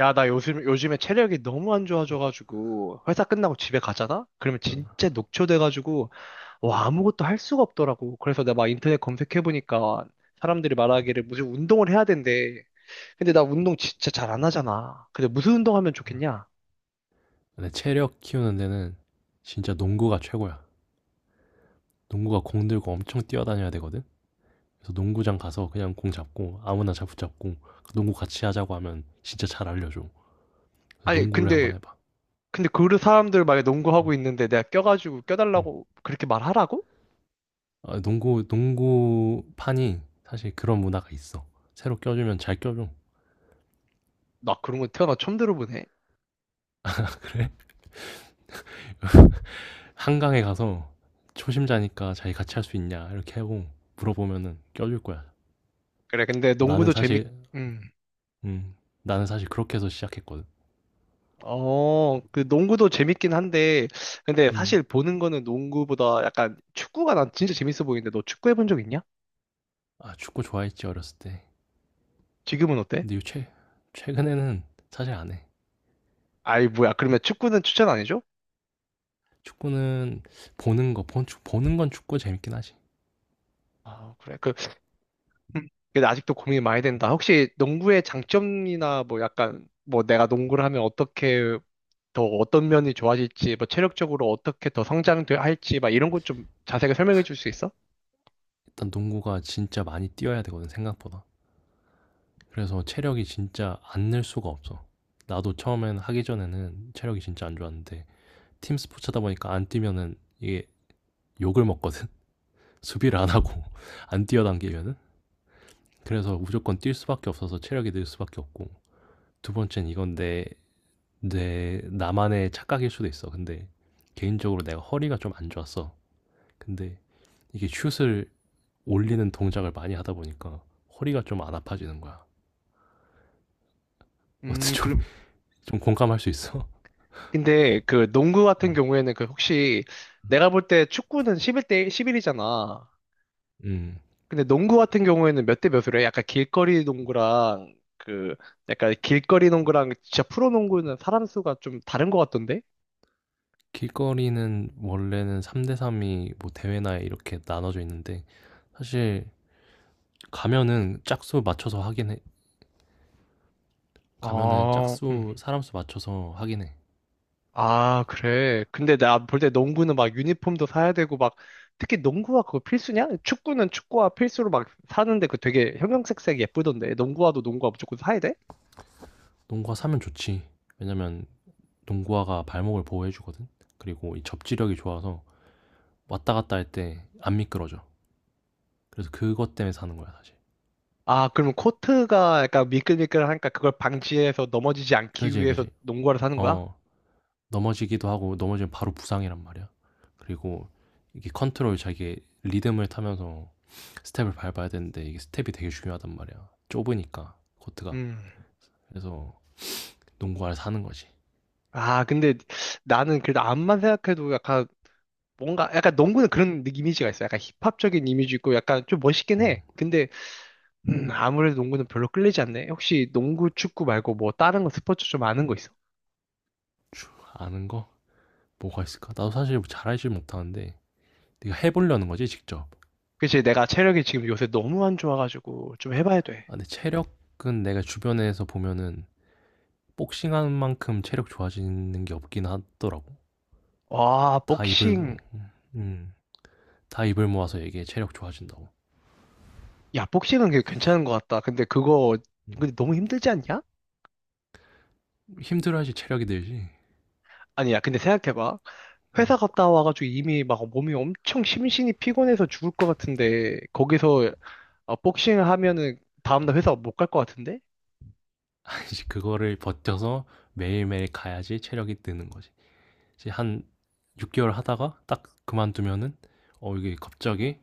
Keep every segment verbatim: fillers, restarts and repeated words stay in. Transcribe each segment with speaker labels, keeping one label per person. Speaker 1: 야, 나 요즘, 요즘에 체력이 너무 안 좋아져가지고, 회사 끝나고 집에 가잖아? 그러면 진짜 녹초돼가지고, 와, 아무것도 할 수가 없더라고. 그래서 내가 막 인터넷 검색해보니까, 사람들이 말하기를 무슨 운동을 해야 된대. 근데 나 운동 진짜 잘 안 하잖아. 근데 무슨 운동 하면 좋겠냐?
Speaker 2: 근데 체력 키우는 데는 진짜 농구가 최고야. 농구가 공 들고 엄청 뛰어다녀야 되거든. 그래서 농구장 가서 그냥 공 잡고 아무나 잡 붙잡고 그 농구 같이 하자고 하면 진짜 잘 알려줘. 그래서
Speaker 1: 아니,
Speaker 2: 농구를
Speaker 1: 근데,
Speaker 2: 한번 해봐.
Speaker 1: 근데 그 사람들 만에
Speaker 2: 응,
Speaker 1: 농구하고 있는데 내가 껴가지고
Speaker 2: 응.
Speaker 1: 껴달라고 그렇게 말하라고?
Speaker 2: 아, 농구 농구판이 사실 그런 문화가 있어. 새로 껴주면 잘 껴줘.
Speaker 1: 나 그런 거 태어나 처음 들어보네.
Speaker 2: 그래? 한강에 가서 초심자니까 자기 같이 할 수 있냐 이렇게 하고 물어보면은 껴줄 거야.
Speaker 1: 그래, 근데
Speaker 2: 나는
Speaker 1: 농구도 재밌,
Speaker 2: 사실
Speaker 1: 음.
Speaker 2: 음 나는 사실 그렇게 해서 시작했거든.
Speaker 1: 어, 그 농구도 재밌긴 한데, 근데
Speaker 2: 음.
Speaker 1: 사실 보는 거는 농구보다 약간 축구가 난 진짜 재밌어 보이는데, 너 축구 해본 적 있냐?
Speaker 2: 아, 축구 좋아했지, 어렸을 때.
Speaker 1: 지금은 어때?
Speaker 2: 근데 요 최 최근에는 사실 안 해.
Speaker 1: 아이, 뭐야. 그러면 축구는 추천 안 해줘?
Speaker 2: 축구는 보는 거 본 축 보는 건 축구 재밌긴 하지.
Speaker 1: 아, 그래. 그, 음, 근데 아직도 고민이 많이 된다. 혹시 농구의 장점이나 뭐 약간, 뭐 내가 농구를 하면 어떻게 더 어떤 면이 좋아질지, 뭐 체력적으로 어떻게 더 성장할지, 막 이런 것 좀 자세하게 설명해 줄 수 있어?
Speaker 2: 일단 농구가 진짜 많이 뛰어야 되거든 생각보다. 그래서 체력이 진짜 안 늘 수가 없어. 나도 처음엔 하기 전에는 체력이 진짜 안 좋았는데 팀 스포츠다 보니까 안 뛰면은 이게 욕을 먹거든. 수비를 안 하고 안 뛰어당기면은 그래서 무조건 뛸 수밖에 없어서 체력이 늘 수밖에 없고 두 번째는 이건 내 내 나만의 착각일 수도 있어. 근데 개인적으로 내가 허리가 좀 안 좋았어. 근데 이게 슛을 올리는 동작을 많이 하다 보니까 허리가 좀 안 아파지는 거야. 어때
Speaker 1: 음,
Speaker 2: 좀,
Speaker 1: 그럼,
Speaker 2: 좀 공감할 수 있어?
Speaker 1: 근데 그 농구
Speaker 2: 어.
Speaker 1: 같은 경우에는 그 혹시 내가 볼 때 축구는 십일 대 십일이잖아.
Speaker 2: 음.
Speaker 1: 근데 농구 같은 경우에는 몇 대 몇으로 해? 약간 길거리 농구랑 그 약간 길거리 농구랑 진짜 프로 농구는 사람 수가 좀 다른 것 같던데?
Speaker 2: 길거리는 원래는 삼 대삼이 뭐 대회나 이렇게 나눠져 있는데 사실 가면은 짝수 맞춰서 하긴 해. 가면은
Speaker 1: 아, 음.
Speaker 2: 짝수 사람 수 맞춰서 하긴 해.
Speaker 1: 아, 그래. 근데 나 볼 때 농구는 막 유니폼도 사야 되고 막 특히 농구화 그거 필수냐? 축구는 축구화 필수로 막 사는데 그 되게 형형색색 예쁘던데 농구화도 농구화 무조건 사야 돼?
Speaker 2: 농구화 사면 좋지. 왜냐면 농구화가 발목을 보호해 주거든. 그리고 이 접지력이 좋아서 왔다 갔다 할 때 안 미끄러져. 그래서 그것 때문에 사는 거야, 사실.
Speaker 1: 아, 그러면 코트가 약간 미끌미끌하니까 그걸 방지해서 넘어지지 않기
Speaker 2: 그지,
Speaker 1: 위해서
Speaker 2: 그지.
Speaker 1: 농구화를 사는 거야?
Speaker 2: 어. 넘어지기도 하고 넘어지면 바로 부상이란 말이야. 그리고 이게 컨트롤 자기 리듬을 타면서 스텝을 밟아야 되는데 이게 스텝이 되게 중요하단 말이야. 좁으니까 코트가.
Speaker 1: 음.
Speaker 2: 그래서 농구화를 사는 거지.
Speaker 1: 아, 근데 나는 그래도 암만 생각해도 약간 뭔가 약간 농구는 그런 느- 이미지가 있어. 약간 힙합적인 이미지 있고 약간 좀 멋있긴
Speaker 2: 음,
Speaker 1: 해. 근데 음, 아무래도 농구는 별로 끌리지 않네. 혹시 농구, 축구 말고 뭐 다른 거 스포츠 좀 아는 거 있어?
Speaker 2: 주- 아는 거 뭐가 있을까? 나도 사실 잘 알지 못하는데 네가 해보려는 거지 직접.
Speaker 1: 그치, 내가 체력이 지금 요새 너무 안 좋아가지고 좀 해봐야 돼.
Speaker 2: 아, 근데 체력은 내가 주변에서 보면은 복싱하는 만큼 체력 좋아지는 게 없긴 하더라고.
Speaker 1: 와,
Speaker 2: 다 입을
Speaker 1: 복싱.
Speaker 2: 음, 다 입을 모아서 얘기해 체력 좋아진다고.
Speaker 1: 야, 복싱은 그게 괜찮은 것 같다. 근데 그거
Speaker 2: 음.
Speaker 1: 근데 너무 힘들지 않냐?
Speaker 2: 힘들어야지 체력이 늘지.
Speaker 1: 아니야, 근데 생각해봐.
Speaker 2: 음.
Speaker 1: 회사 갔다 와가지고 이미 막 몸이 엄청 심신이 피곤해서 죽을 것 같은데 거기서 어, 복싱을 하면은 다음날 회사 못 갈 것 같은데?
Speaker 2: 이제 그거를 버텨서 매일매일 가야지 체력이 느는 거지. 이제 한 육 개월 하다가 딱 그만두면은 어 이게 갑자기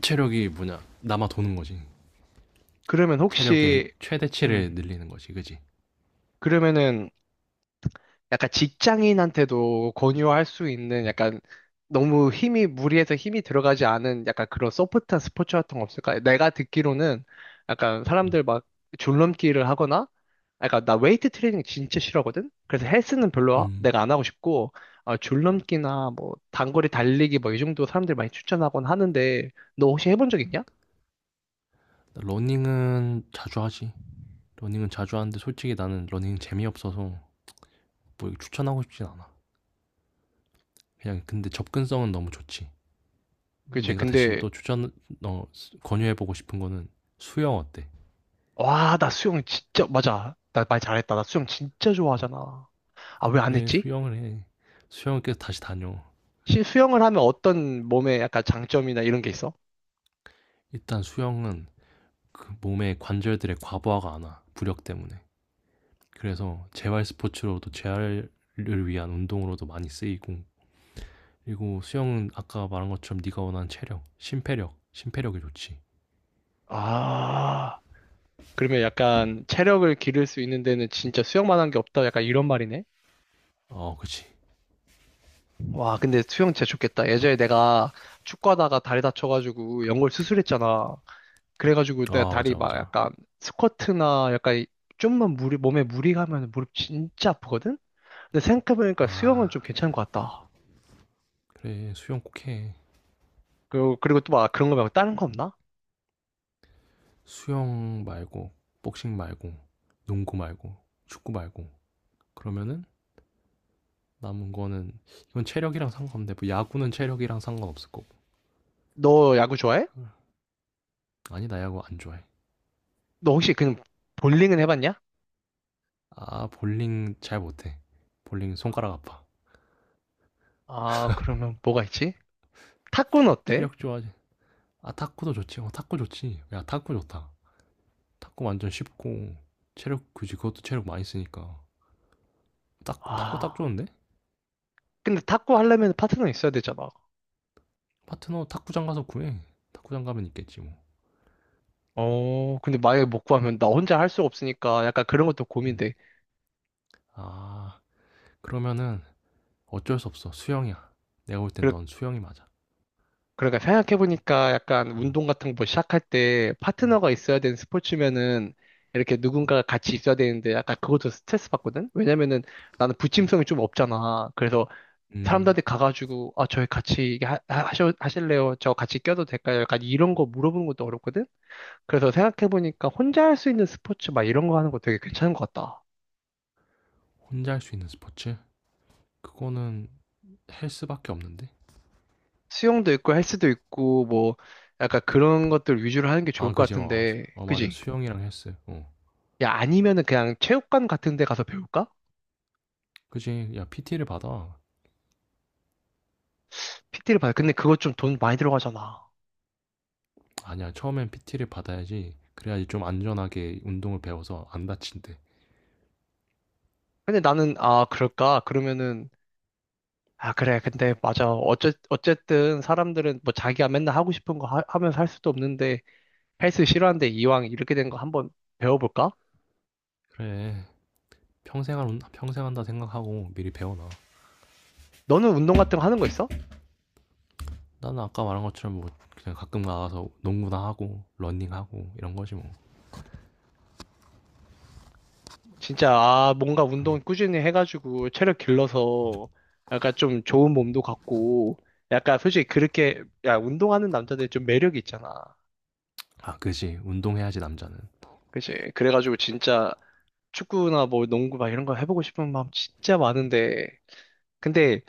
Speaker 2: 체력이 뭐냐 남아 도는 거지.
Speaker 1: 그러면
Speaker 2: 체력의
Speaker 1: 혹시
Speaker 2: 최대치를
Speaker 1: 음
Speaker 2: 늘리는 거지, 그지?
Speaker 1: 그러면은 약간 직장인한테도 권유할 수 있는
Speaker 2: 음,
Speaker 1: 약간 너무 힘이 무리해서 힘이 들어가지 않은 약간 그런 소프트한 스포츠 같은 거 없을까? 내가 듣기로는 약간
Speaker 2: 음,
Speaker 1: 사람들 막 줄넘기를 하거나 약간 나 웨이트 트레이닝 진짜 싫어하거든? 그래서 헬스는 별로 하-
Speaker 2: 음.
Speaker 1: 내가 안 하고 싶고 어, 줄넘기나 뭐 단거리 달리기 뭐 이 정도 사람들 많이 추천하곤 하는데 너 혹시 해본 적 있냐?
Speaker 2: 러닝은 자주 하지. 러닝은 자주 하는데 솔직히 나는 러닝 재미없어서 뭐 추천하고 싶진 않아. 그냥 근데 접근성은 너무 좋지.
Speaker 1: 그치
Speaker 2: 내가 대신
Speaker 1: 근데
Speaker 2: 또 추천 어 권유해 보고 싶은 거는 수영 어때?
Speaker 1: 와 나 수영 진짜 맞아 나 말 잘했다 나 수영 진짜 좋아하잖아. 아, 왜 안
Speaker 2: 그래,
Speaker 1: 했지?
Speaker 2: 수영을 해. 수영을 계속 다시 다녀.
Speaker 1: 시- 수영을 하면 어떤 몸에 약간 장점이나 이런 게 있어?
Speaker 2: 일단 수영은 그 몸의 관절들의 과부하가 안 와. 부력 때문에. 그래서 재활 스포츠로도 재활을 위한 운동으로도 많이 쓰이고 그리고 수영은 아까 말한 것처럼 네가 원하는 체력, 심폐력, 심폐력이 좋지.
Speaker 1: 아, 그러면 약간 체력을 기를 수 있는 데는 진짜 수영만 한 게 없다. 약간 이런 말이네.
Speaker 2: 어, 그치.
Speaker 1: 와, 근데 수영 진짜 좋겠다. 예전에 내가 축구하다가 다리 다쳐가지고 연골 수술했잖아. 그래가지고 내
Speaker 2: 아,
Speaker 1: 다리
Speaker 2: 맞아,
Speaker 1: 막
Speaker 2: 맞아.
Speaker 1: 약간 스쿼트나 약간 이- 좀만 무리, 몸에 무리 가면 무릎 진짜 아프거든? 근데 생각해보니까 수영은
Speaker 2: 아,
Speaker 1: 좀 괜찮은 것 같다.
Speaker 2: 그래. 수영 꼭 해.
Speaker 1: 그리고, 그리고 또 막 그런 거 말고 다른 거 없나?
Speaker 2: 수영 말고, 복싱 말고, 농구 말고, 축구 말고. 그러면은 남은 거는 이건 체력이랑 상관없는데 뭐 야구는 체력이랑 상관없을 거고
Speaker 1: 너 야구 좋아해?
Speaker 2: 아니 나 야구 안 좋아해
Speaker 1: 너 혹시 그냥 볼링은 해봤냐?
Speaker 2: 아 볼링 잘 못해 볼링 손가락 아파
Speaker 1: 아, 그러면 뭐가 있지? 탁구는 어때?
Speaker 2: 체력 좋아하지 아 탁구도 좋지 어 탁구 좋지 야 탁구 좋다 탁구 완전 쉽고 체력 그지 그것도 체력 많이 쓰니까 탁구 탁구 딱
Speaker 1: 아,
Speaker 2: 좋은데
Speaker 1: 근데 탁구 하려면 파트너 있어야 되잖아.
Speaker 2: 파트너 탁구장 가서 구해 탁구장 가면 있겠지 뭐
Speaker 1: 어, 근데 만약에 못 구하면 나 혼자 할 수가 없으니까 약간 그런 것도
Speaker 2: 응.
Speaker 1: 고민돼.
Speaker 2: 아 그러면은 어쩔 수 없어 수영이야 내가 볼 땐
Speaker 1: 그러,
Speaker 2: 넌 수영이 맞아
Speaker 1: 그러니까 생각해보니까 약간
Speaker 2: 음,
Speaker 1: 운동 같은 거 시작할 때 파트너가 있어야 되는 스포츠면은 이렇게 누군가가 같이 있어야 되는데 약간 그것도 스트레스 받거든? 왜냐면은 나는
Speaker 2: 음,
Speaker 1: 부침성이 좀 없잖아. 그래서
Speaker 2: 음.
Speaker 1: 사람들한테 가가지고 아, 저희 같이 이게 하, 하- 하셔- 하실래요? 저 같이 껴도 될까요? 약간 이런 거 물어보는 것도 어렵거든? 그래서 생각해보니까 혼자 할 수 있는 스포츠 막 이런 거 하는 거 되게 괜찮은 것 같다.
Speaker 2: 혼자 할 수 있는 스포츠 그거는 헬스밖에 없는데?
Speaker 1: 수영도 있고 헬스도 있고 뭐 약간 그런 것들 위주로 하는 게 좋을
Speaker 2: 아,
Speaker 1: 것
Speaker 2: 그지, 어,
Speaker 1: 같은데,
Speaker 2: 어, 맞아.
Speaker 1: 그지?
Speaker 2: 수영이랑 헬스. 어.
Speaker 1: 야, 아니면은 그냥 체육관 같은 데 가서 배울까?
Speaker 2: 그지, 야, 피티를 받아.
Speaker 1: 피 t 를 받아. 근데 그거 좀 돈 많이 들어가잖아.
Speaker 2: 아니야, 처음엔 피티를 받아야지. 그래야지 좀 안전하게 운동을 배워서 안 다친대.
Speaker 1: 근데 나는, 아, 그럴까? 그러면은, 아, 그래. 근데 맞아. 어째, 어쨌든 사람들은 뭐 자기가 맨날 하고 싶은 거 하, 하면서 할 수도 없는데 헬스 싫어하는데 이왕 이렇게 된 거 한번 배워볼까?
Speaker 2: 그래, 평생 한, 평생 한다 생각하고 미리 배워놔.
Speaker 1: 너는 운동 같은 거 하는 거 있어?
Speaker 2: 나는 아까 말한 것처럼 뭐, 그냥 가끔 나가서 농구나 하고, 러닝하고, 이런 거지 뭐.
Speaker 1: 진짜, 아, 뭔가 운동 꾸준히 해가지고 체력 길러서 약간 좀 좋은 몸도 갖고, 약간 솔직히 그렇게, 야, 운동하는 남자들 좀 매력이 있잖아.
Speaker 2: 아, 그지. 운동해야지, 남자는.
Speaker 1: 그치? 그래가지고 진짜 축구나 뭐 농구 막 이런 거 해보고 싶은 마음 진짜 많은데, 근데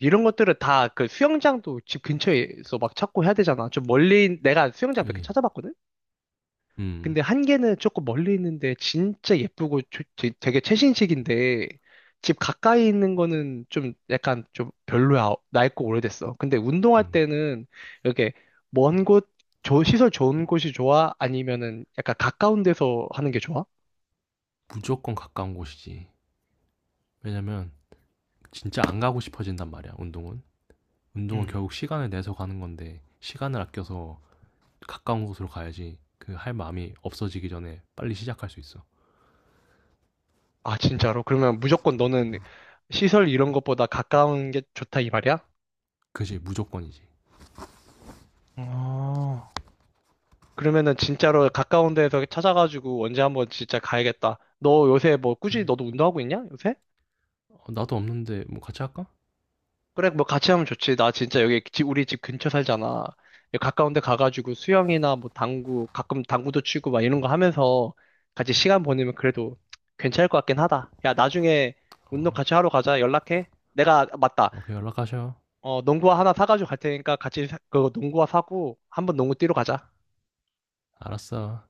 Speaker 1: 이런 것들은 다 그 수영장도 집 근처에서 막 찾고 해야 되잖아. 좀 멀리, 내가 수영장 몇 개
Speaker 2: 그지.
Speaker 1: 찾아봤거든?
Speaker 2: 음,
Speaker 1: 근데 한 개는 조금 멀리 있는데 진짜 예쁘고 조- 되- 되게 최신식인데 집 가까이 있는 거는 좀 약간 좀 별로야. 낡고 오래됐어. 근데 운동할
Speaker 2: 음.
Speaker 1: 때는 이렇게 먼 곳, 조- 시설 좋은 곳이 좋아? 아니면은 약간 가까운 데서 하는 게 좋아?
Speaker 2: 무조건 가까운 곳이지. 왜냐면, 진짜 안 가고 싶어진단 말이야, 운동은. 운동은
Speaker 1: 음.
Speaker 2: 결국 시간을 내서 가는 건데 시간을 아껴서 가까운 곳으로 가야지 그 할 마음이 없어지기 전에 빨리 시작할 수 있어.
Speaker 1: 아, 진짜로? 그러면 무조건 너는 시설 이런 것보다 가까운 게 좋다 이 말이야?
Speaker 2: 그지 무조건이지.
Speaker 1: 어, 그러면은 진짜로 가까운 데에서 찾아가지고 언제 한번 진짜 가야겠다. 너 요새 뭐 꾸준히
Speaker 2: 그래.
Speaker 1: 너도 운동하고 있냐? 요새?
Speaker 2: 어, 나도 없는데 뭐 같이 할까?
Speaker 1: 그래, 뭐 같이 하면 좋지. 나 진짜 여기 집- 우리 집 근처 살잖아. 여기 가까운 데 가가지고 수영이나 뭐 당구, 가끔 당구도 치고 막 이런 거 하면서 같이 시간 보내면 그래도 괜찮을 것 같긴 하다. 야, 나중에
Speaker 2: 어,
Speaker 1: 운동 같이 하러 가자. 연락해. 내가, 맞다.
Speaker 2: 오케이 연락하셔.
Speaker 1: 어, 농구화 하나 사가지고 갈 테니까 같이 사- 그거 농구화 사고 한번 농구 뛰러 가자.
Speaker 2: 알았어.